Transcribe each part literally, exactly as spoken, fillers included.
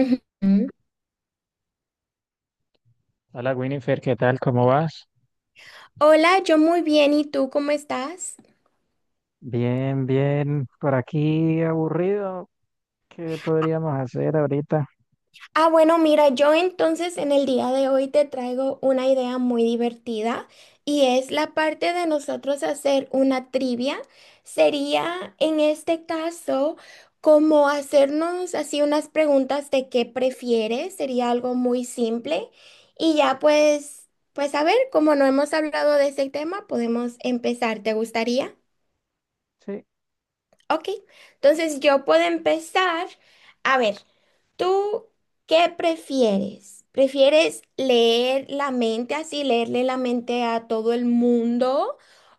Ujú. Hola Winifred, ¿qué tal? ¿Cómo vas? Hola, yo muy bien, ¿y tú cómo estás? Bien, bien. Por aquí aburrido. ¿Qué podríamos hacer ahorita? Ah, bueno, mira, yo entonces en el día de hoy te traigo una idea muy divertida y es la parte de nosotros hacer una trivia. Sería en este caso como hacernos así unas preguntas de qué prefieres, sería algo muy simple y ya pues, pues a ver, como no hemos hablado de ese tema, podemos empezar, ¿te gustaría? Sí, Ok, entonces yo puedo empezar. A ver, ¿tú qué prefieres? ¿Prefieres leer la mente así, leerle la mente a todo el mundo?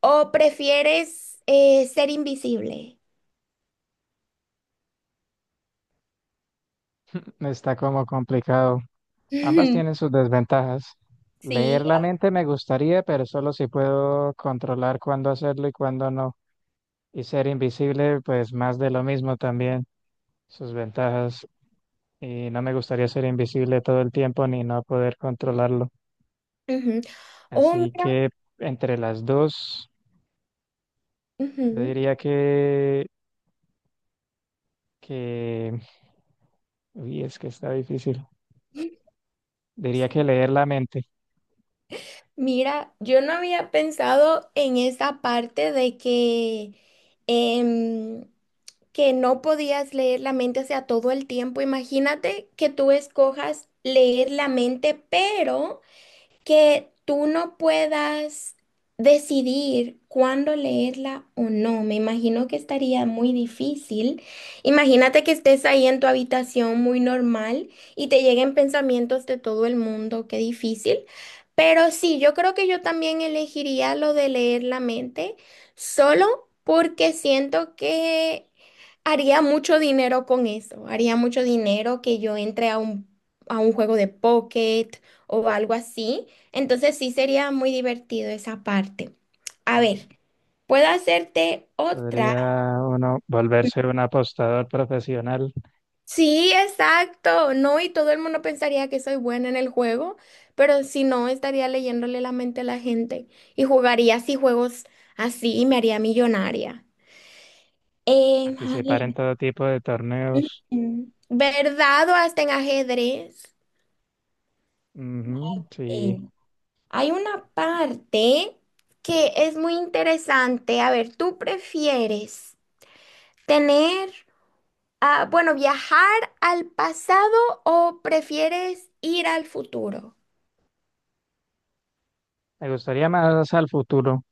¿O prefieres eh, ser invisible? está como complicado. Ambas tienen sus desventajas. Sí. Leer la mente me gustaría, pero solo si puedo controlar cuándo hacerlo y cuándo no. Y ser invisible, pues más de lo mismo también, sus ventajas. Y no me gustaría ser invisible todo el tiempo ni no poder controlarlo. Ujú. Oh, Así mira, que, entre las dos, yo ujú. diría que que, uy, es que está difícil. Diría Sí. que leer la mente. Mira, yo no había pensado en esa parte de que... em, que no podías leer la mente, o sea, todo el tiempo. Imagínate que tú escojas leer la mente, pero que tú no puedas decidir cuándo leerla o no. Me imagino que estaría muy difícil. Imagínate que estés ahí en tu habitación muy normal y te lleguen pensamientos de todo el mundo. Qué difícil. Pero sí, yo creo que yo también elegiría lo de leer la mente, solo porque siento que haría mucho dinero con eso. Haría mucho dinero que yo entre a un, a un juego de pocket o algo así. Entonces sí sería muy divertido esa parte. A ver, puedo hacerte otra. Podría uno volverse un apostador profesional, Sí, exacto. No, y todo el mundo pensaría que soy buena en el juego, pero si no, estaría leyéndole la mente a la gente y jugaría así juegos así y me haría millonaria. Eh, a ver, participar en todo tipo de torneos. mm, ¿verdad o hasta en ajedrez? Ujú, Eh, sí, hay una parte que es muy interesante. A ver, ¿tú prefieres tener Ah, bueno, ¿viajar al pasado o prefieres ir al futuro? me gustaría más al futuro,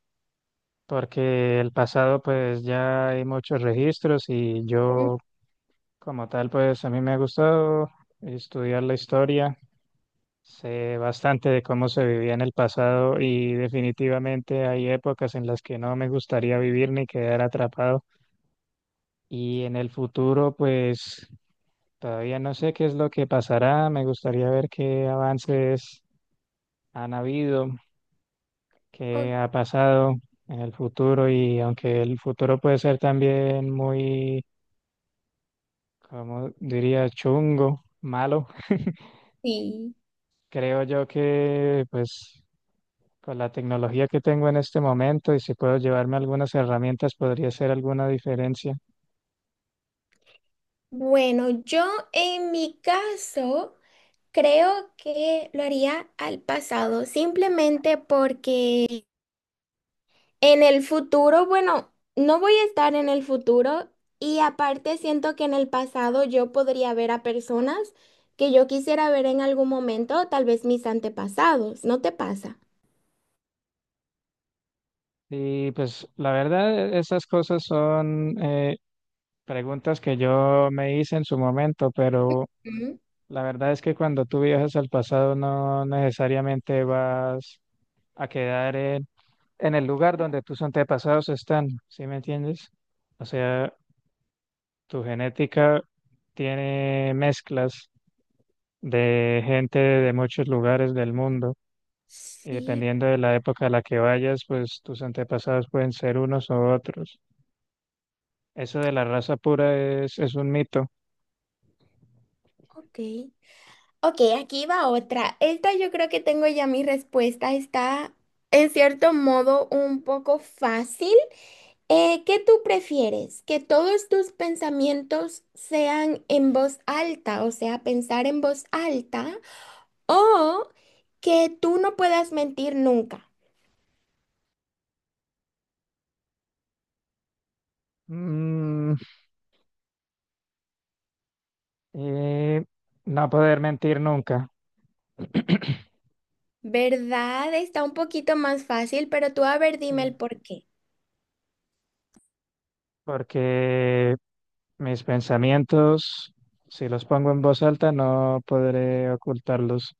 porque el pasado pues ya hay muchos registros, y Mm. yo como tal pues a mí me ha gustado estudiar la historia. Sé bastante de cómo se vivía en el pasado y definitivamente hay épocas en las que no me gustaría vivir ni quedar atrapado. Y en el futuro, pues todavía no sé qué es lo que pasará. Me gustaría ver qué avances han habido, Ok. qué ha pasado en el futuro, y aunque el futuro puede ser también muy, como diría, chungo, malo, Sí. creo yo que pues con la tecnología que tengo en este momento y si puedo llevarme algunas herramientas, podría hacer alguna diferencia. Bueno, yo en mi caso creo que lo haría al pasado, simplemente porque en el futuro, bueno, no voy a estar en el futuro y aparte siento que en el pasado yo podría ver a personas que yo quisiera ver en algún momento, tal vez mis antepasados, ¿no te pasa? Y pues la verdad, esas cosas son eh, preguntas que yo me hice en su momento, pero Mm. la verdad es que cuando tú viajas al pasado no necesariamente vas a quedar en, en, el lugar donde tus antepasados están, ¿sí me entiendes? O sea, tu genética tiene mezclas de gente de muchos lugares del mundo. Y Sí, dependiendo de la época a la que vayas, pues tus antepasados pueden ser unos u otros. Eso de la raza pura es, es un mito. ok. Ok, aquí va otra. Esta yo creo que tengo ya mi respuesta. Está en cierto modo un poco fácil. Eh, ¿qué tú prefieres? ¿Que todos tus pensamientos sean en voz alta, o sea, pensar en voz alta, o que tú no puedas mentir nunca? Mm, y no poder mentir nunca, ¿Verdad? Está un poquito más fácil, pero tú a ver, dime el porqué. porque mis pensamientos, si los pongo en voz alta, no podré ocultarlos.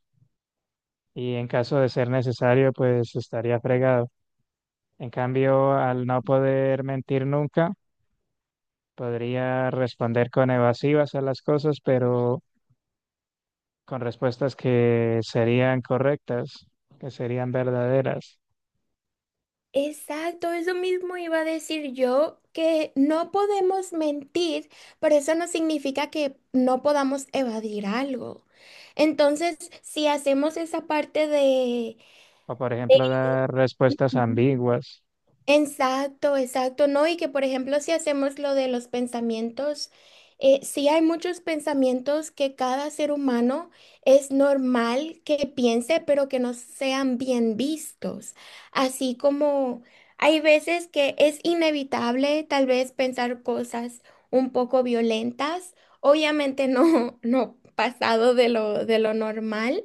Y en caso de ser necesario, pues estaría fregado. En cambio, al no poder mentir nunca, podría responder con evasivas a las cosas, pero con respuestas que serían correctas, que serían verdaderas, Exacto, eso mismo iba a decir yo, que no podemos mentir, pero eso no significa que no podamos evadir algo. Entonces, si hacemos esa parte de, o por ejemplo dar respuestas ambiguas, exacto, exacto, ¿no? Y que por ejemplo si hacemos lo de los pensamientos, eh, sí hay muchos pensamientos que cada ser humano es normal que piense, pero que no sean bien vistos. Así como hay veces que es inevitable tal vez pensar cosas un poco violentas, obviamente no, no pasado de lo, de lo normal.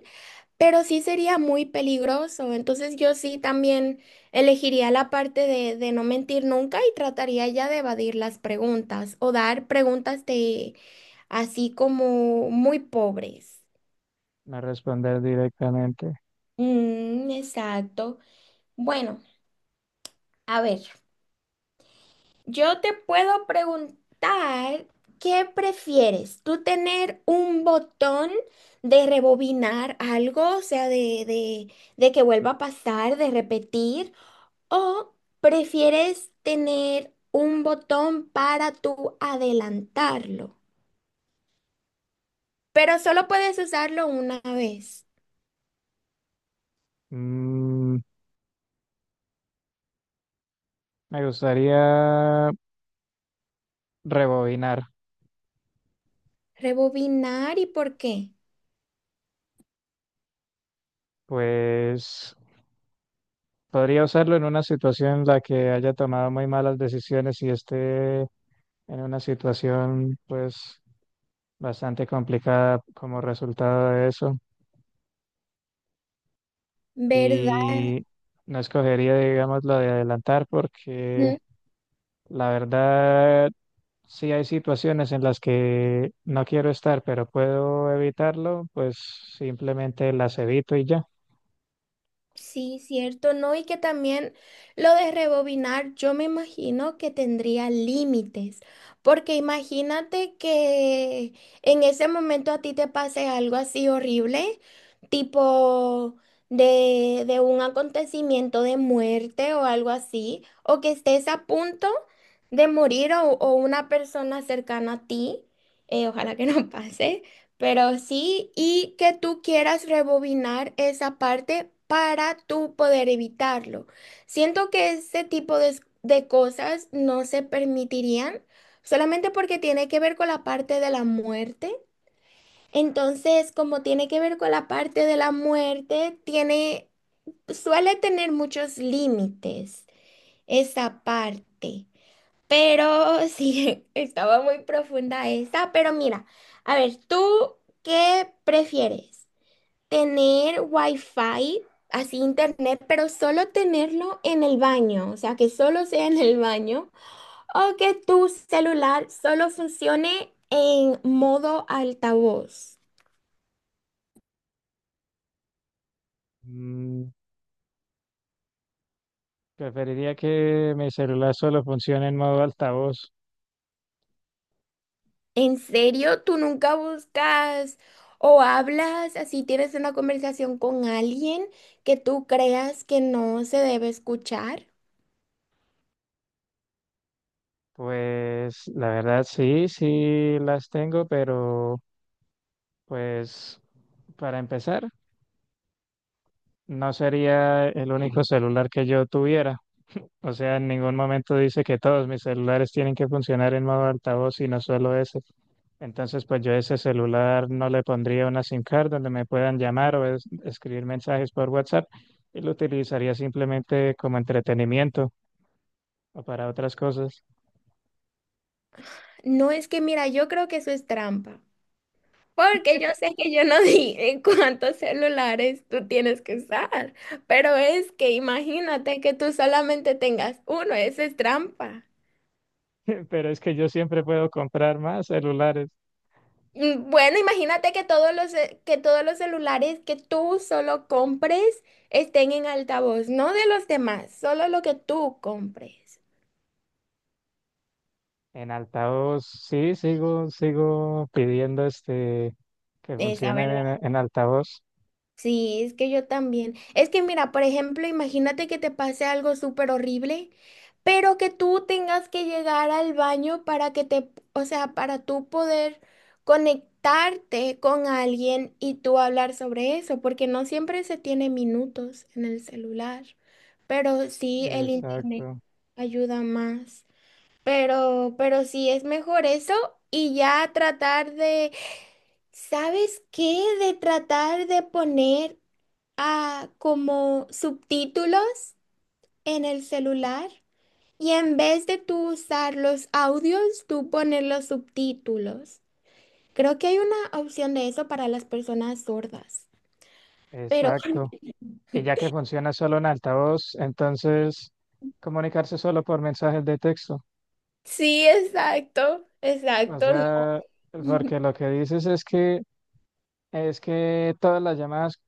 Pero sí sería muy peligroso, entonces yo sí también elegiría la parte de, de no mentir nunca y trataría ya de evadir las preguntas o dar preguntas de así como muy pobres. no responder directamente. Mm, exacto. Bueno, a ver, yo te puedo preguntar, ¿qué prefieres? ¿Tú tener un botón de rebobinar algo, o sea, de, de, de que vuelva a pasar, de repetir? ¿O prefieres tener un botón para tú adelantarlo? Pero solo puedes usarlo una vez. Mm, Me gustaría rebobinar, Rebobinar y por qué, pues podría usarlo en una situación en la que haya tomado muy malas decisiones y esté en una situación pues bastante complicada como resultado de eso. ¿verdad? Y no escogería, digamos, lo de adelantar porque, la verdad, si hay situaciones en las que no quiero estar, pero puedo evitarlo, pues simplemente las evito y ya. Sí, cierto, ¿no? Y que también lo de rebobinar, yo me imagino que tendría límites, porque imagínate que en ese momento a ti te pase algo así horrible, tipo de, de un acontecimiento de muerte o algo así, o que estés a punto de morir o, o una persona cercana a ti, eh, ojalá que no pase. Pero sí, y que tú quieras rebobinar esa parte para tú poder evitarlo. Siento que ese tipo de, de cosas no se permitirían solamente porque tiene que ver con la parte de la muerte. Entonces, como tiene que ver con la parte de la muerte, tiene, suele tener muchos límites esa parte. Pero sí, estaba muy profunda esa. Pero mira, a ver, ¿tú qué prefieres? ¿Tener wifi, así internet, pero solo tenerlo en el baño? O sea, que solo sea en el baño. ¿O que tu celular solo funcione en modo altavoz? Mm, Preferiría que mi celular solo funcione en modo altavoz. ¿En serio? ¿Tú nunca buscas o hablas así, tienes una conversación con alguien que tú creas que no se debe escuchar? Pues la verdad, sí, sí las tengo, pero pues, para empezar, no sería el único celular que yo tuviera. O sea, en ningún momento dice que todos mis celulares tienen que funcionar en modo altavoz, sino solo ese. Entonces, pues yo a ese celular no le pondría una SIM card donde me puedan llamar o es- escribir mensajes por WhatsApp, y lo utilizaría simplemente como entretenimiento o para otras cosas. No es que, mira, yo creo que eso es trampa, porque yo sé que yo no dije cuántos celulares tú tienes que usar, pero es que imagínate que tú solamente tengas uno, eso es trampa. Pero es que yo siempre puedo comprar más celulares. Mm, bueno, imagínate que todos los, ce- que todos los celulares que tú solo compres estén en altavoz, no de los demás, solo lo que tú compres. En altavoz, sí, sigo, sigo pidiendo este que Esa, funcionen en, en, altavoz. sí, es que yo también. Es que mira, por ejemplo, imagínate que te pase algo súper horrible, pero que tú tengas que llegar al baño para que te, o sea, para tú poder conectarte con alguien y tú hablar sobre eso, porque no siempre se tiene minutos en el celular, pero sí el internet Exacto, ayuda más. Pero, pero sí es mejor eso y ya tratar de ¿sabes qué? De tratar de poner a como subtítulos en el celular y en vez de tú usar los audios, tú pones los subtítulos. Creo que hay una opción de eso para las personas sordas, pero exacto. Y ya que funciona solo en altavoz, entonces comunicarse solo por mensajes de texto. sí, exacto, O exacto, no. sea, porque lo que dices es que es que todas las llamadas,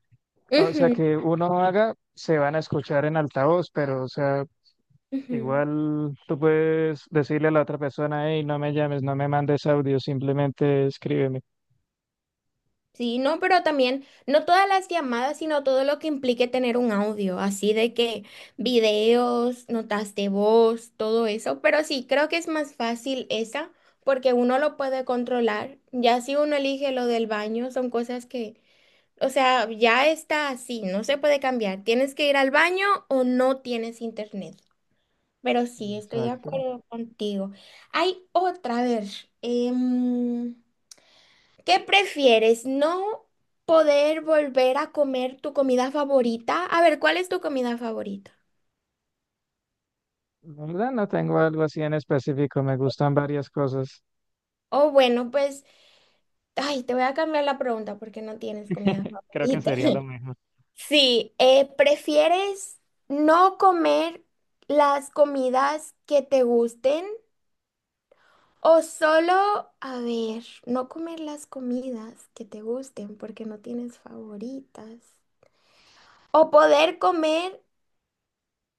o sea, Ujú, que uno haga, se van a escuchar en altavoz, pero, o sea, ujú. igual tú puedes decirle a la otra persona, hey, no me llames, no me mandes audio, simplemente escríbeme. Sí, no, pero también no todas las llamadas, sino todo lo que implique tener un audio, así de que videos, notas de voz, todo eso. Pero sí, creo que es más fácil esa porque uno lo puede controlar. Ya si uno elige lo del baño, son cosas que, o sea, ya está así, no se puede cambiar. Tienes que ir al baño o no tienes internet. Pero sí, estoy de Sí. Exacto. acuerdo contigo. Hay otra, a ver. em, ¿Qué prefieres? ¿No poder volver a comer tu comida favorita? A ver, ¿cuál es tu comida favorita? La verdad no tengo algo así en específico, me gustan varias cosas. O bueno, pues, ay, te voy a cambiar la pregunta porque no tienes comida Creo que favorita. sería lo mejor. Sí, eh, ¿prefieres no comer las comidas que te gusten o solo, a ver, no comer las comidas que te gusten porque no tienes favoritas? O poder comer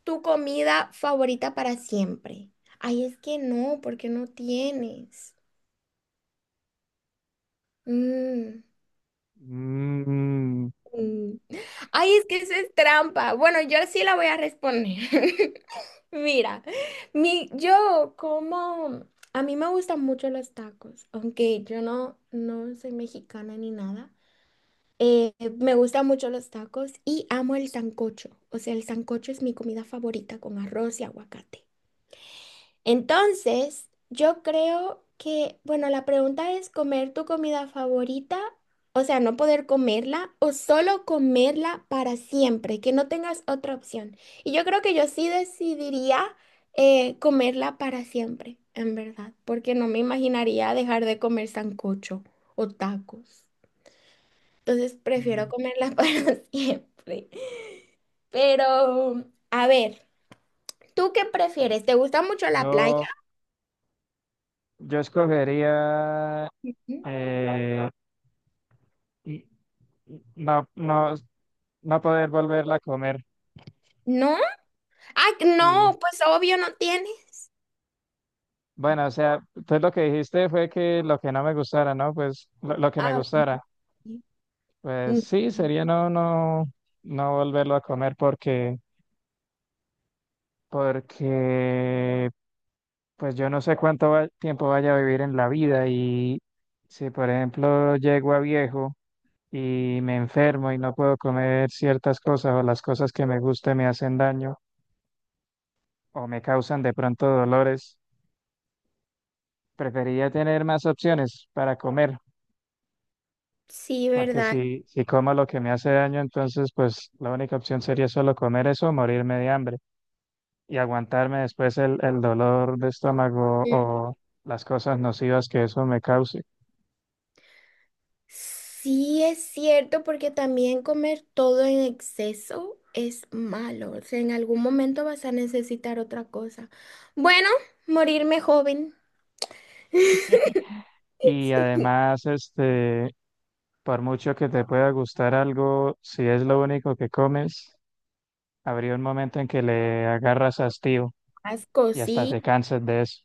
tu comida favorita para siempre. Ay, es que no, porque no tienes. Mm. Mm. Mm, ay, es que eso es trampa. Bueno, yo sí la voy a responder. Mira, mi, yo como, a mí me gustan mucho los tacos, aunque yo no, no soy mexicana ni nada. Eh, me gustan mucho los tacos y amo el sancocho. O sea, el sancocho es mi comida favorita con arroz y aguacate. Entonces, yo creo que, bueno, la pregunta es comer tu comida favorita, o sea, no poder comerla o solo comerla para siempre, que no tengas otra opción. Y yo creo que yo sí decidiría eh, comerla para siempre, en verdad, porque no me imaginaría dejar de comer sancocho o tacos. Entonces, prefiero Mm. comerla para siempre. Pero, a ver, ¿tú qué prefieres? ¿Te gusta mucho la Yo, playa? yo escogería, eh, n- no, no, no poder volverla a comer. ¿No? Ah, Sí, no, pues obvio no tiene. bueno, o sea, pues lo que dijiste fue que lo que no me gustara, ¿no? Pues lo, lo, que me Ah, ok. gustara. Pues Mm, sí, sería no, no, no volverlo a comer porque, porque pues yo no sé cuánto va- tiempo vaya a vivir en la vida, y si por ejemplo llego a viejo y me enfermo y no puedo comer ciertas cosas, o las cosas que me gustan me hacen daño o me causan de pronto dolores, preferiría tener más opciones para comer, sí, porque ¿verdad? si, si, como lo que me hace daño, entonces pues la única opción sería solo comer eso o morirme de hambre y aguantarme después el, el dolor de estómago Mm. o las cosas nocivas que eso me cause. Sí, es cierto, porque también comer todo en exceso es malo. O sea, en algún momento vas a necesitar otra cosa. Bueno, morirme joven. Y además, este, por mucho que te pueda gustar algo, si es lo único que comes, habría un momento en que le agarras hastío Asco, y hasta sí. te cansas de eso.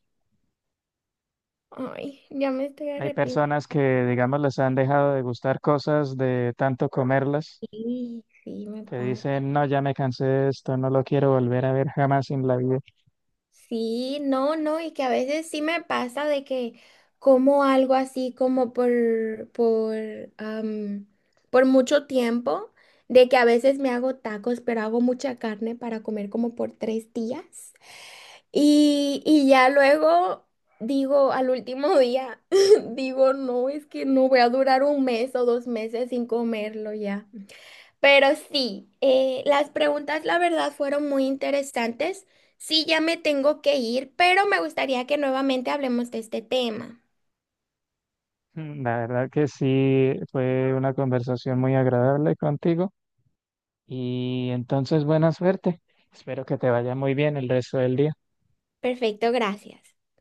Ay, ya me estoy Hay arrepintiendo. personas que, digamos, les han dejado de gustar cosas de tanto comerlas, Sí, sí, me que pasa. dicen, no, ya me cansé de esto, no lo quiero volver a ver jamás en la vida. Sí, no, no, y que a veces sí me pasa de que como algo así como por, por, am, por mucho tiempo, de que a veces me hago tacos, pero hago mucha carne para comer como por tres días. Y, y ya luego digo al último día, digo, no, es que no voy a durar un mes o dos meses sin comerlo ya. Pero sí, eh, las preguntas la verdad fueron muy interesantes. Sí, ya me tengo que ir, pero me gustaría que nuevamente hablemos de este tema. Mm, La verdad que sí, fue una conversación muy agradable contigo, y entonces buena suerte. Espero que te vaya muy bien el resto del día. Perfecto, gracias.